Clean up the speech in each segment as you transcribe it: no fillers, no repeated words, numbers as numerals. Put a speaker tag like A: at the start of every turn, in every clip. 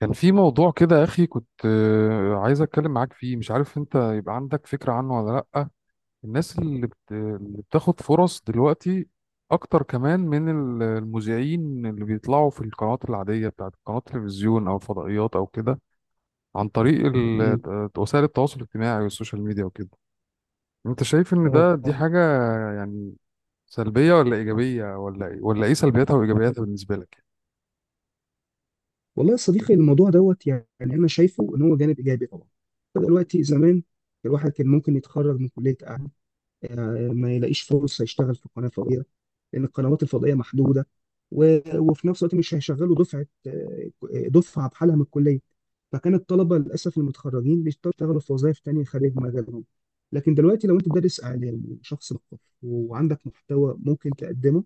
A: كان في موضوع كده يا أخي كنت عايز أتكلم معاك فيه. مش عارف أنت يبقى عندك فكرة عنه ولا لأ؟ الناس اللي بتاخد فرص دلوقتي أكتر كمان من المذيعين اللي بيطلعوا في القنوات العادية بتاعت قنوات التلفزيون أو الفضائيات أو كده، عن طريق
B: مم.
A: وسائل التواصل الاجتماعي والسوشيال ميديا وكده. أنت شايف إن
B: آه.
A: دي حاجة يعني سلبية ولا إيجابية، ولا ولا إيه سلبياتها وإيجابياتها بالنسبة لك؟
B: والله يا صديقي، الموضوع دوت يعني انا شايفه ان هو جانب ايجابي طبعا. دلوقتي زمان الواحد كان ممكن يتخرج من كليه اعلام، ما يلاقيش فرصه يشتغل في قناه فضائيه، لان القنوات الفضائيه محدوده. و... وفي نفس الوقت مش هيشغلوا دفعه، دفعه بحالها من الكليه. فكان الطلبه للاسف المتخرجين يشتغلوا في وظائف تانيه خارج مجالهم. لكن دلوقتي لو انت دارس اعلام وشخص مثقف وعندك محتوى ممكن تقدمه،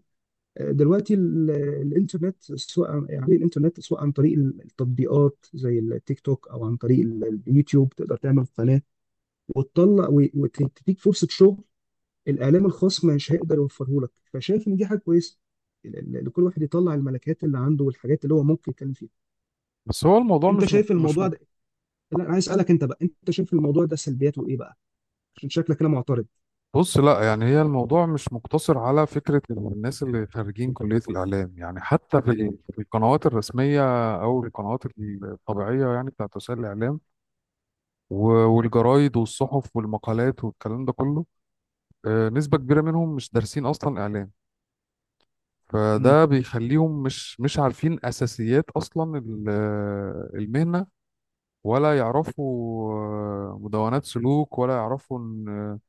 B: دلوقتي الانترنت سواء عن طريق التطبيقات زي التيك توك او عن طريق اليوتيوب تقدر تعمل قناه وتطلع و- وتديك فرصه شغل. الاعلام الخاص مش هيقدر يوفره لك، فشايف ان دي حاجه كويسه، لكل واحد يطلع الملكات اللي عنده والحاجات اللي هو ممكن يتكلم فيها.
A: بس هو الموضوع
B: انت
A: مش م...
B: شايف
A: مش
B: الموضوع ده؟ لا، انا عايز اسالك انت بقى، انت شايف الموضوع ده سلبياته ايه بقى؟ عشان شكلك كده معترض.
A: بص، لا، يعني هي الموضوع مش مقتصر على فكرة الناس اللي خارجين كلية الإعلام، يعني حتى في القنوات الرسمية أو القنوات الطبيعية يعني بتاعت وسائل الإعلام، والجرايد والصحف والمقالات والكلام ده كله. نسبة كبيرة منهم مش دارسين أصلا إعلام،
B: امم.
A: فده بيخليهم مش عارفين أساسيات أصلا المهنة، ولا يعرفوا مدونات سلوك، ولا يعرفوا إن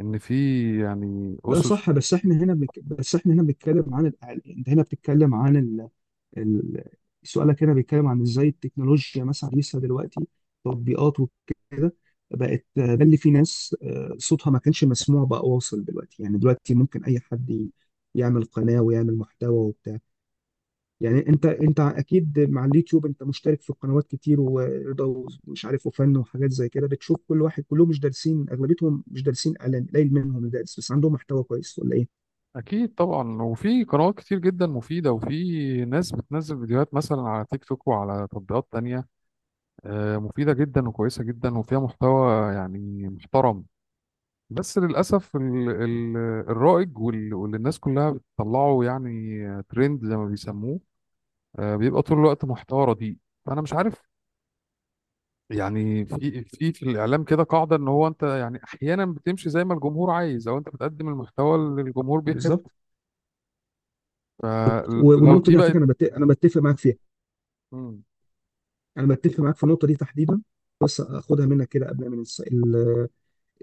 A: إن في يعني
B: ده
A: أسس.
B: صح، بس احنا هنا بنتكلم عن الاعلام، انت هنا بتتكلم عن ال- سؤالك هنا بيتكلم عن ازاي التكنولوجيا مثلا لسه دلوقتي تطبيقات وكده بقت، ده اللي في ناس صوتها ما كانش مسموع بقى واصل دلوقتي، يعني دلوقتي ممكن اي حد يعمل قناة ويعمل محتوى وبتاع. يعني انت اكيد مع اليوتيوب انت مشترك في قنوات كتير، ورضا ومش عارف وفن وحاجات زي كده، بتشوف كل واحد، كلهم مش دارسين، اغلبيتهم مش دارسين اعلان، قليل منهم اللي دارس، بس عندهم محتوى كويس ولا ايه؟
A: أكيد طبعا، وفي قنوات كتير جدا مفيدة، وفي ناس بتنزل فيديوهات مثلا على تيك توك وعلى تطبيقات تانية مفيدة جدا وكويسة جدا وفيها محتوى يعني محترم. بس للأسف ال الرائج واللي الناس كلها بتطلعه يعني ترند زي ما بيسموه، بيبقى طول الوقت محتوى رديء. فأنا مش عارف، يعني في الإعلام كده قاعدة إن هو أنت يعني أحيانا بتمشي زي ما الجمهور عايز، أو أنت بتقدم المحتوى اللي الجمهور بيحبه.
B: بالظبط. و-
A: فلو
B: والنقطة
A: دي
B: دي على فكرة
A: بقت.
B: انا بتفق معاك فيها. انا بتفق معاك في النقطه دي تحديدا. بس اخدها منك كده قبل من الس... ال...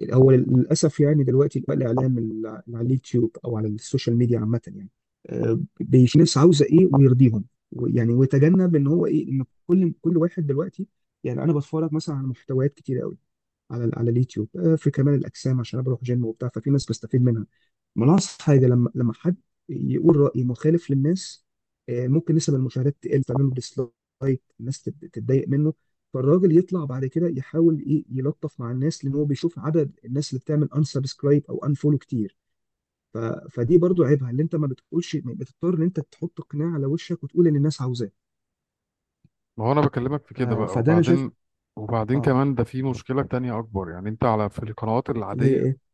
B: ال- هو للاسف يعني دلوقتي بقى الاعلام على اليوتيوب او على السوشيال ميديا عامه يعني، بيش ناس عاوزه ايه ويرضيهم، يعني ويتجنب ان هو ايه ان كل واحد دلوقتي، يعني انا بتفرج مثلا على محتويات كتير قوي على على اليوتيوب، في كمال الاجسام عشان انا بروح جيم وبتاع، ففي ناس بستفيد منها. ما انا أقصد حاجه، لما حد يقول راي مخالف للناس، ممكن نسب المشاهدات تقل، تعمل له ديسلايك، الناس تتضايق منه، فالراجل يطلع بعد كده يحاول ايه، يلطف مع الناس، لان هو بيشوف عدد الناس اللي بتعمل انسبسكرايب او انفولو كتير. ف... فدي برضو عيبها اللي انت ما بتقولش، بتضطر ان انت تحط قناع على وشك وتقول ان الناس عاوزاه.
A: ما هو انا بكلمك في
B: ف...
A: كده بقى
B: فده انا شايف.
A: وبعدين. وبعدين
B: اه،
A: كمان ده في مشكلة تانية اكبر، يعني انت على في القنوات
B: اللي هي
A: العادية،
B: ايه؟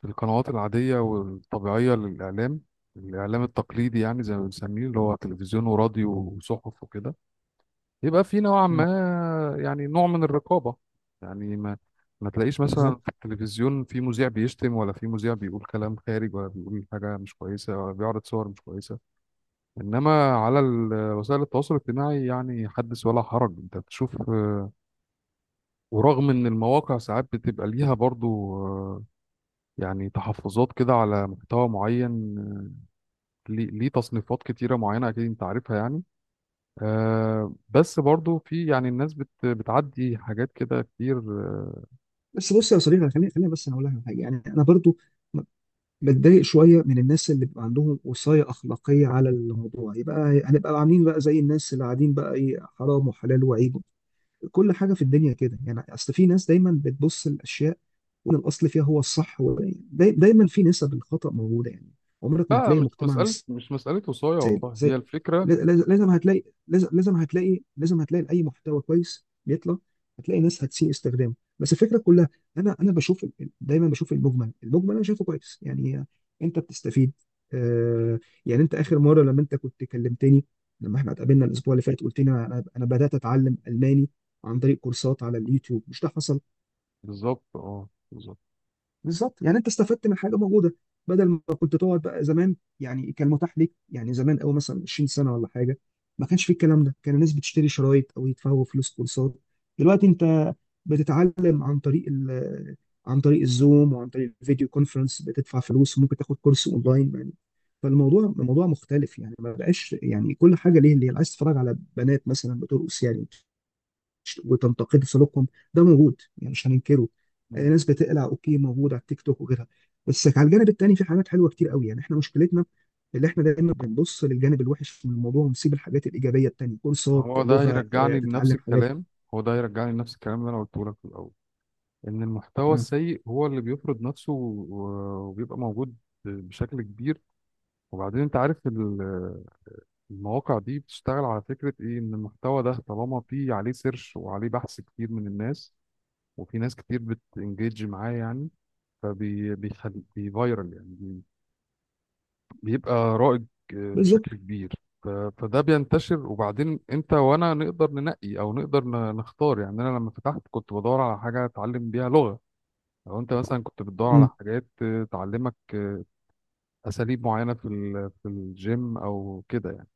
A: في القنوات العادية والطبيعية للاعلام، الاعلام التقليدي يعني زي ما بنسميه اللي هو تلفزيون وراديو وصحف وكده، يبقى في نوعا
B: مم.
A: ما يعني نوع من الرقابة. يعني ما تلاقيش مثلا
B: بالظبط.
A: في التلفزيون في مذيع بيشتم، ولا في مذيع بيقول كلام خارج، ولا بيقول حاجة مش كويسة، ولا بيعرض صور مش كويسة. انما على وسائل التواصل الاجتماعي يعني حدث ولا حرج، انت بتشوف. ورغم ان المواقع ساعات بتبقى ليها برضو يعني تحفظات كده على محتوى معين، ليه تصنيفات كتيرة معينة اكيد انت عارفها، يعني بس برضو في يعني الناس بتعدي حاجات كده كتير.
B: بس بص يا صديقي، خليني بس انا اقول لك على حاجه، يعني انا برضو بتضايق شويه من الناس اللي بيبقى عندهم وصايه اخلاقيه على الموضوع، يبقى هنبقى عاملين بقى زي الناس اللي قاعدين بقى ايه حرام وحلال وعيب كل حاجه في الدنيا كده، يعني اصل في ناس دايما بتبص الاشياء وان الاصل فيها هو الصح دايما في نسب الخطا موجوده يعني، عمرك ما
A: لا
B: هتلاقي
A: مش
B: مجتمع
A: مسألة مش مسألة وصاية،
B: سالي
A: والله هي
B: زي
A: الفكرة.
B: لازم هتلاقي، لازم هتلاقي اي محتوى كويس بيطلع، هتلاقي ناس هتسيء استخدامه، بس الفكره كلها، انا بشوف دايما بشوف المجمل، انا شايفه كويس يعني. انت بتستفيد. آه. يعني انت، اخر مره لما كنت كلمتني لما احنا اتقابلنا الاسبوع اللي فات، قلت لي انا بدات اتعلم الماني عن طريق كورسات على اليوتيوب، مش ده حصل؟
A: بالظبط، اه، بالظبط.
B: بالظبط، يعني انت استفدت من حاجه موجوده، بدل ما كنت تقعد بقى زمان، يعني كان متاح ليك، يعني زمان قوي مثلا 20 سنه ولا حاجه، ما كانش في الكلام ده، كان الناس بتشتري شرايط او يدفعوا فلوس كورسات. دلوقتي انت بتتعلم عن طريق عن طريق الزوم وعن طريق الفيديو كونفرنس، بتدفع فلوس وممكن تاخد كورس اونلاين يعني. فالموضوع، الموضوع مختلف يعني، ما بقاش يعني كل حاجه ليه. اللي عايز تتفرج على بنات مثلا بترقص يعني وتنتقدوا سلوكهم، ده موجود يعني، مش هننكره.
A: مم.
B: ناس بتقلع، اوكي موجود على التيك توك وغيرها، بس على الجانب التاني في حاجات حلوه كتير قوي، يعني احنا مشكلتنا اللي احنا دايما بنبص للجانب الوحش من الموضوع ونسيب الحاجات الايجابيه التانيه، كورسات
A: هو ده
B: لغه،
A: هيرجعني لنفس
B: تتعلم حاجات.
A: الكلام هو ده هيرجعني لنفس الكلام اللي انا قلته لك في الاول، ان المحتوى
B: مم.
A: السيء هو اللي بيفرض نفسه وبيبقى موجود بشكل كبير. وبعدين انت عارف المواقع دي بتشتغل على فكرة ايه، ان المحتوى ده طالما فيه عليه سيرش وعليه بحث كتير من الناس، وفي ناس كتير بتنجيج معاه يعني. فبيخلي بيفايرال يعني بيبقى رائج،
B: بالظبط.
A: بشكل كبير. فده بينتشر. وبعدين انت وانا نقدر ننقي، او نقدر نختار. يعني انا لما فتحت كنت بدور على حاجة اتعلم بيها لغة. لو انت مثلا كنت بتدور على
B: امم.
A: حاجات تعلمك اساليب معينة في الجيم او كده،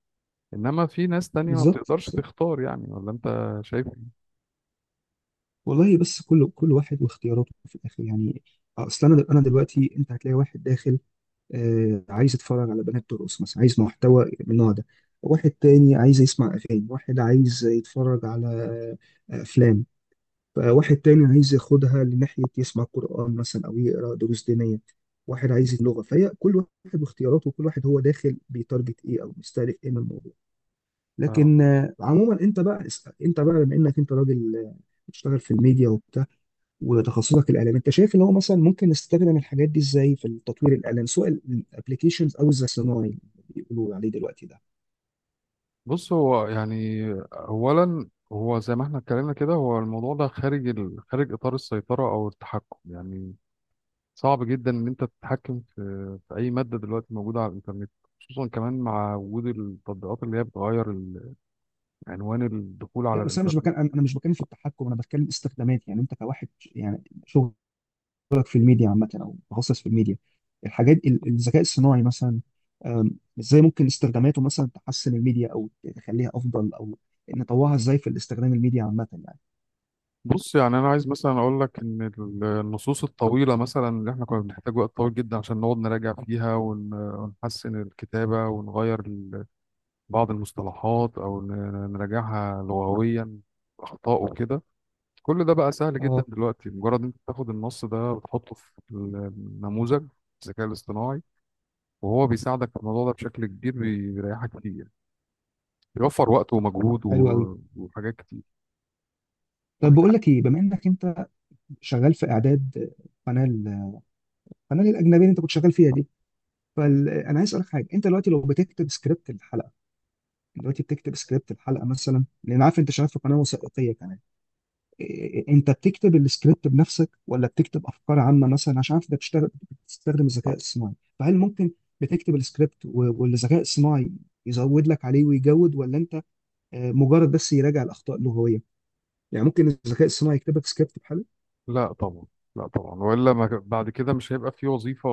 A: انما في ناس تانية ما
B: بالظبط،
A: بتقدرش
B: بالظبط.
A: تختار، يعني ولا انت شايف إيه؟
B: والله بس كل واحد واختياراته في الاخر يعني، اصل انا، دلوقتي انت هتلاقي واحد داخل، عايز يتفرج على بنات ترقص مثلا، عايز محتوى من النوع ده. واحد تاني عايز يسمع أغاني، واحد عايز يتفرج على، أفلام. واحد تاني عايز ياخدها لناحية يسمع قرآن مثلا أو يقرأ دروس دينية. واحد عايز اللغة، فهي كل واحد واختياراته، وكل واحد هو داخل بيتارجت إيه أو بيستهدف إيه من الموضوع.
A: آه،
B: لكن عموما أنت بقى اسأل، أنت بقى بما إنك أنت راجل بتشتغل في الميديا وتخصصك الاعلام، انت شايف ان هو مثلا ممكن نستخدم الحاجات دي ازاي في التطوير الاعلام، سواء الابلكيشنز او الذكاء الصناعي اللي بيقولوا عليه دلوقتي ده؟
A: بص، هو يعني اولا هو زي ما احنا اتكلمنا كده، هو الموضوع ده خارج خارج اطار السيطرة او التحكم، يعني صعب جدا ان انت تتحكم في اي مادة دلوقتي موجودة على الانترنت، خصوصا كمان مع وجود التطبيقات اللي هي بتغير عنوان الدخول على
B: لا بس انا مش
A: الانترنت.
B: بتكلم، في التحكم، انا بتكلم استخدامات. يعني انت كواحد، يعني شغلك في الميديا عامه او متخصص في الميديا، الحاجات الذكاء الصناعي مثلا، أم، ازاي ممكن استخداماته مثلا تحسن الميديا او تخليها افضل او نطوعها ازاي في الاستخدام الميديا عامه يعني.
A: بص، يعني انا عايز مثلا اقول لك ان النصوص الطويله مثلا اللي احنا كنا بنحتاج وقت طويل جدا عشان نقعد نراجع فيها ونحسن الكتابه، ونغير بعض المصطلحات، او نراجعها لغويا، اخطاء وكده. كل ده بقى سهل جدا
B: اه،
A: دلوقتي، مجرد انت بتاخد النص ده وتحطه في النموذج، الذكاء الاصطناعي، وهو بيساعدك في الموضوع ده بشكل كبير، بيريحك كتير، بيوفر وقت ومجهود
B: حلو قوي.
A: وحاجات كتير.
B: طب بقول لك ايه، بما انك انت شغال في اعداد قناه، القناه الاجنبيه اللي انت كنت شغال فيها دي، فانا عايز اسالك حاجه، انت دلوقتي لو بتكتب سكريبت الحلقه، دلوقتي بتكتب سكريبت الحلقه مثلا، لان عارف انت شغال في قناه وثائقيه كمان، انت بتكتب السكريبت بنفسك ولا بتكتب افكار عامه مثلا، عشان عارف انت بتشتغل بتستخدم الذكاء الصناعي، فهل ممكن بتكتب السكريبت و- والذكاء الصناعي يزود لك عليه ويجود، ولا انت مجرد بس يراجع الاخطاء اللغويه؟ يعني ممكن الذكاء الصناعي يكتب لك سكريبت بحاله؟
A: لا طبعا، لا طبعا، والا ما ك- بعد كده مش هيبقى في وظيفة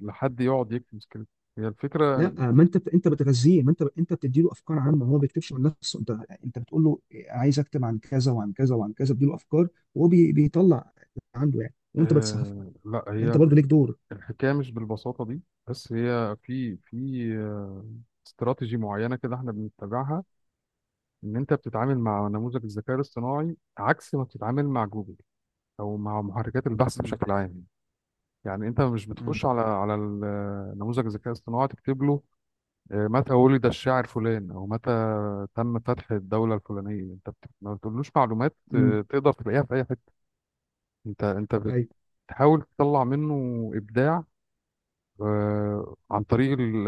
A: لحد يقعد يكتب سكريبت. هي الفكرة
B: لا، ما انت بتغذيه، ما انت بتدي له افكار عامه، هو ما بيكتبش من نفسه، انت انت بتقول له عايز اكتب عن كذا وعن كذا وعن كذا، بتدي له افكار، وهو بيطلع عنده يعني، وانت بتصحح له.
A: لا،
B: انت برضو ليك دور.
A: الحكاية مش بالبساطة دي. بس هي في آه، استراتيجي معينة كده احنا بنتبعها، ان انت بتتعامل مع نموذج الذكاء الاصطناعي عكس ما بتتعامل مع جوجل او مع محركات البحث
B: مم.
A: بشكل عام. يعني انت مش
B: مم.
A: بتخش على نموذج الذكاء الاصطناعي تكتب له إيه، متى ولد الشاعر فلان او متى تم فتح الدوله الفلانيه. انت ما بتقولوش معلومات
B: امم.
A: تقدر تلاقيها في اي حته. انت
B: ايوه.
A: بتحاول تطلع منه ابداع، عن طريق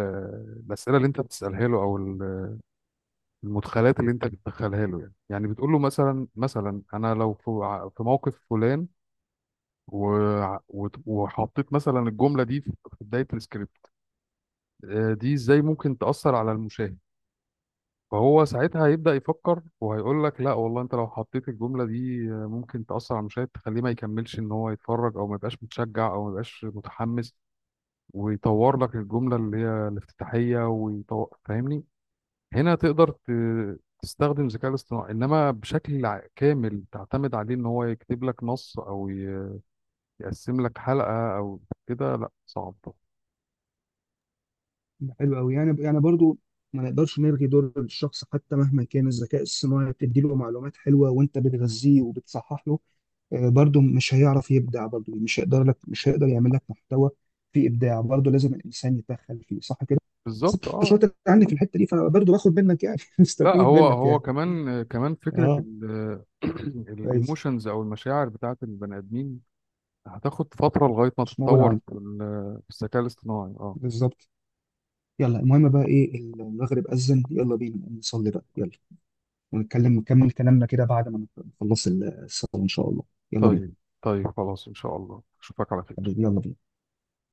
A: الاسئله اللي انت بتسالها له، او المدخلات اللي انت بتدخلها له. يعني بتقول له مثلا، انا لو في في موقف فلان، وحطيت مثلا الجمله دي في بدايه السكريبت، دي ازاي ممكن تاثر على المشاهد. فهو ساعتها هيبدأ يفكر وهيقول لك لا والله انت لو حطيت الجملة دي ممكن تأثر على المشاهد، تخليه ما يكملش ان هو يتفرج، او ما يبقاش متشجع، او ما يبقاش متحمس، ويطور لك الجملة اللي هي الافتتاحية ويطور. فاهمني؟ هنا تقدر تستخدم الذكاء الاصطناعي، انما بشكل كامل تعتمد عليه ان هو يكتب لك نص، او يقسم لك حلقة او كده، لا، صعب.
B: حلو قوي. يعني، برضو ما نقدرش نلغي دور الشخص، حتى مهما كان الذكاء الصناعي بتدي له معلومات حلوه وانت بتغذيه وبتصحح له، برضو مش هيعرف يبدع، برضو مش هيقدر لك، مش هيقدر يعمل لك محتوى فيه ابداع، برضو لازم الانسان يتدخل فيه، صح كده؟ بس انت
A: بالظبط، اه.
B: شاطر عني في الحته دي، فبرضو باخد منك يعني
A: لا
B: مستفيد
A: هو
B: منك
A: هو
B: يعني.
A: كمان كمان فكرة
B: اه، كويس.
A: الايموشنز او المشاعر بتاعت البني ادمين هتاخد فترة لغاية ما
B: مش موجود
A: تتطور
B: عندي.
A: في الذكاء الاصطناعي، اه.
B: بالظبط. يلا، المهم بقى ايه، المغرب أذن، يلا بينا نقوم نصلي بقى، يلا، ونتكلم نكمل كلامنا كده بعد ما نخلص الصلاة إن شاء الله. يلا بينا.
A: طيب، طيب خلاص ان شاء الله اشوفك على خير.
B: حبيبي، يلا بينا.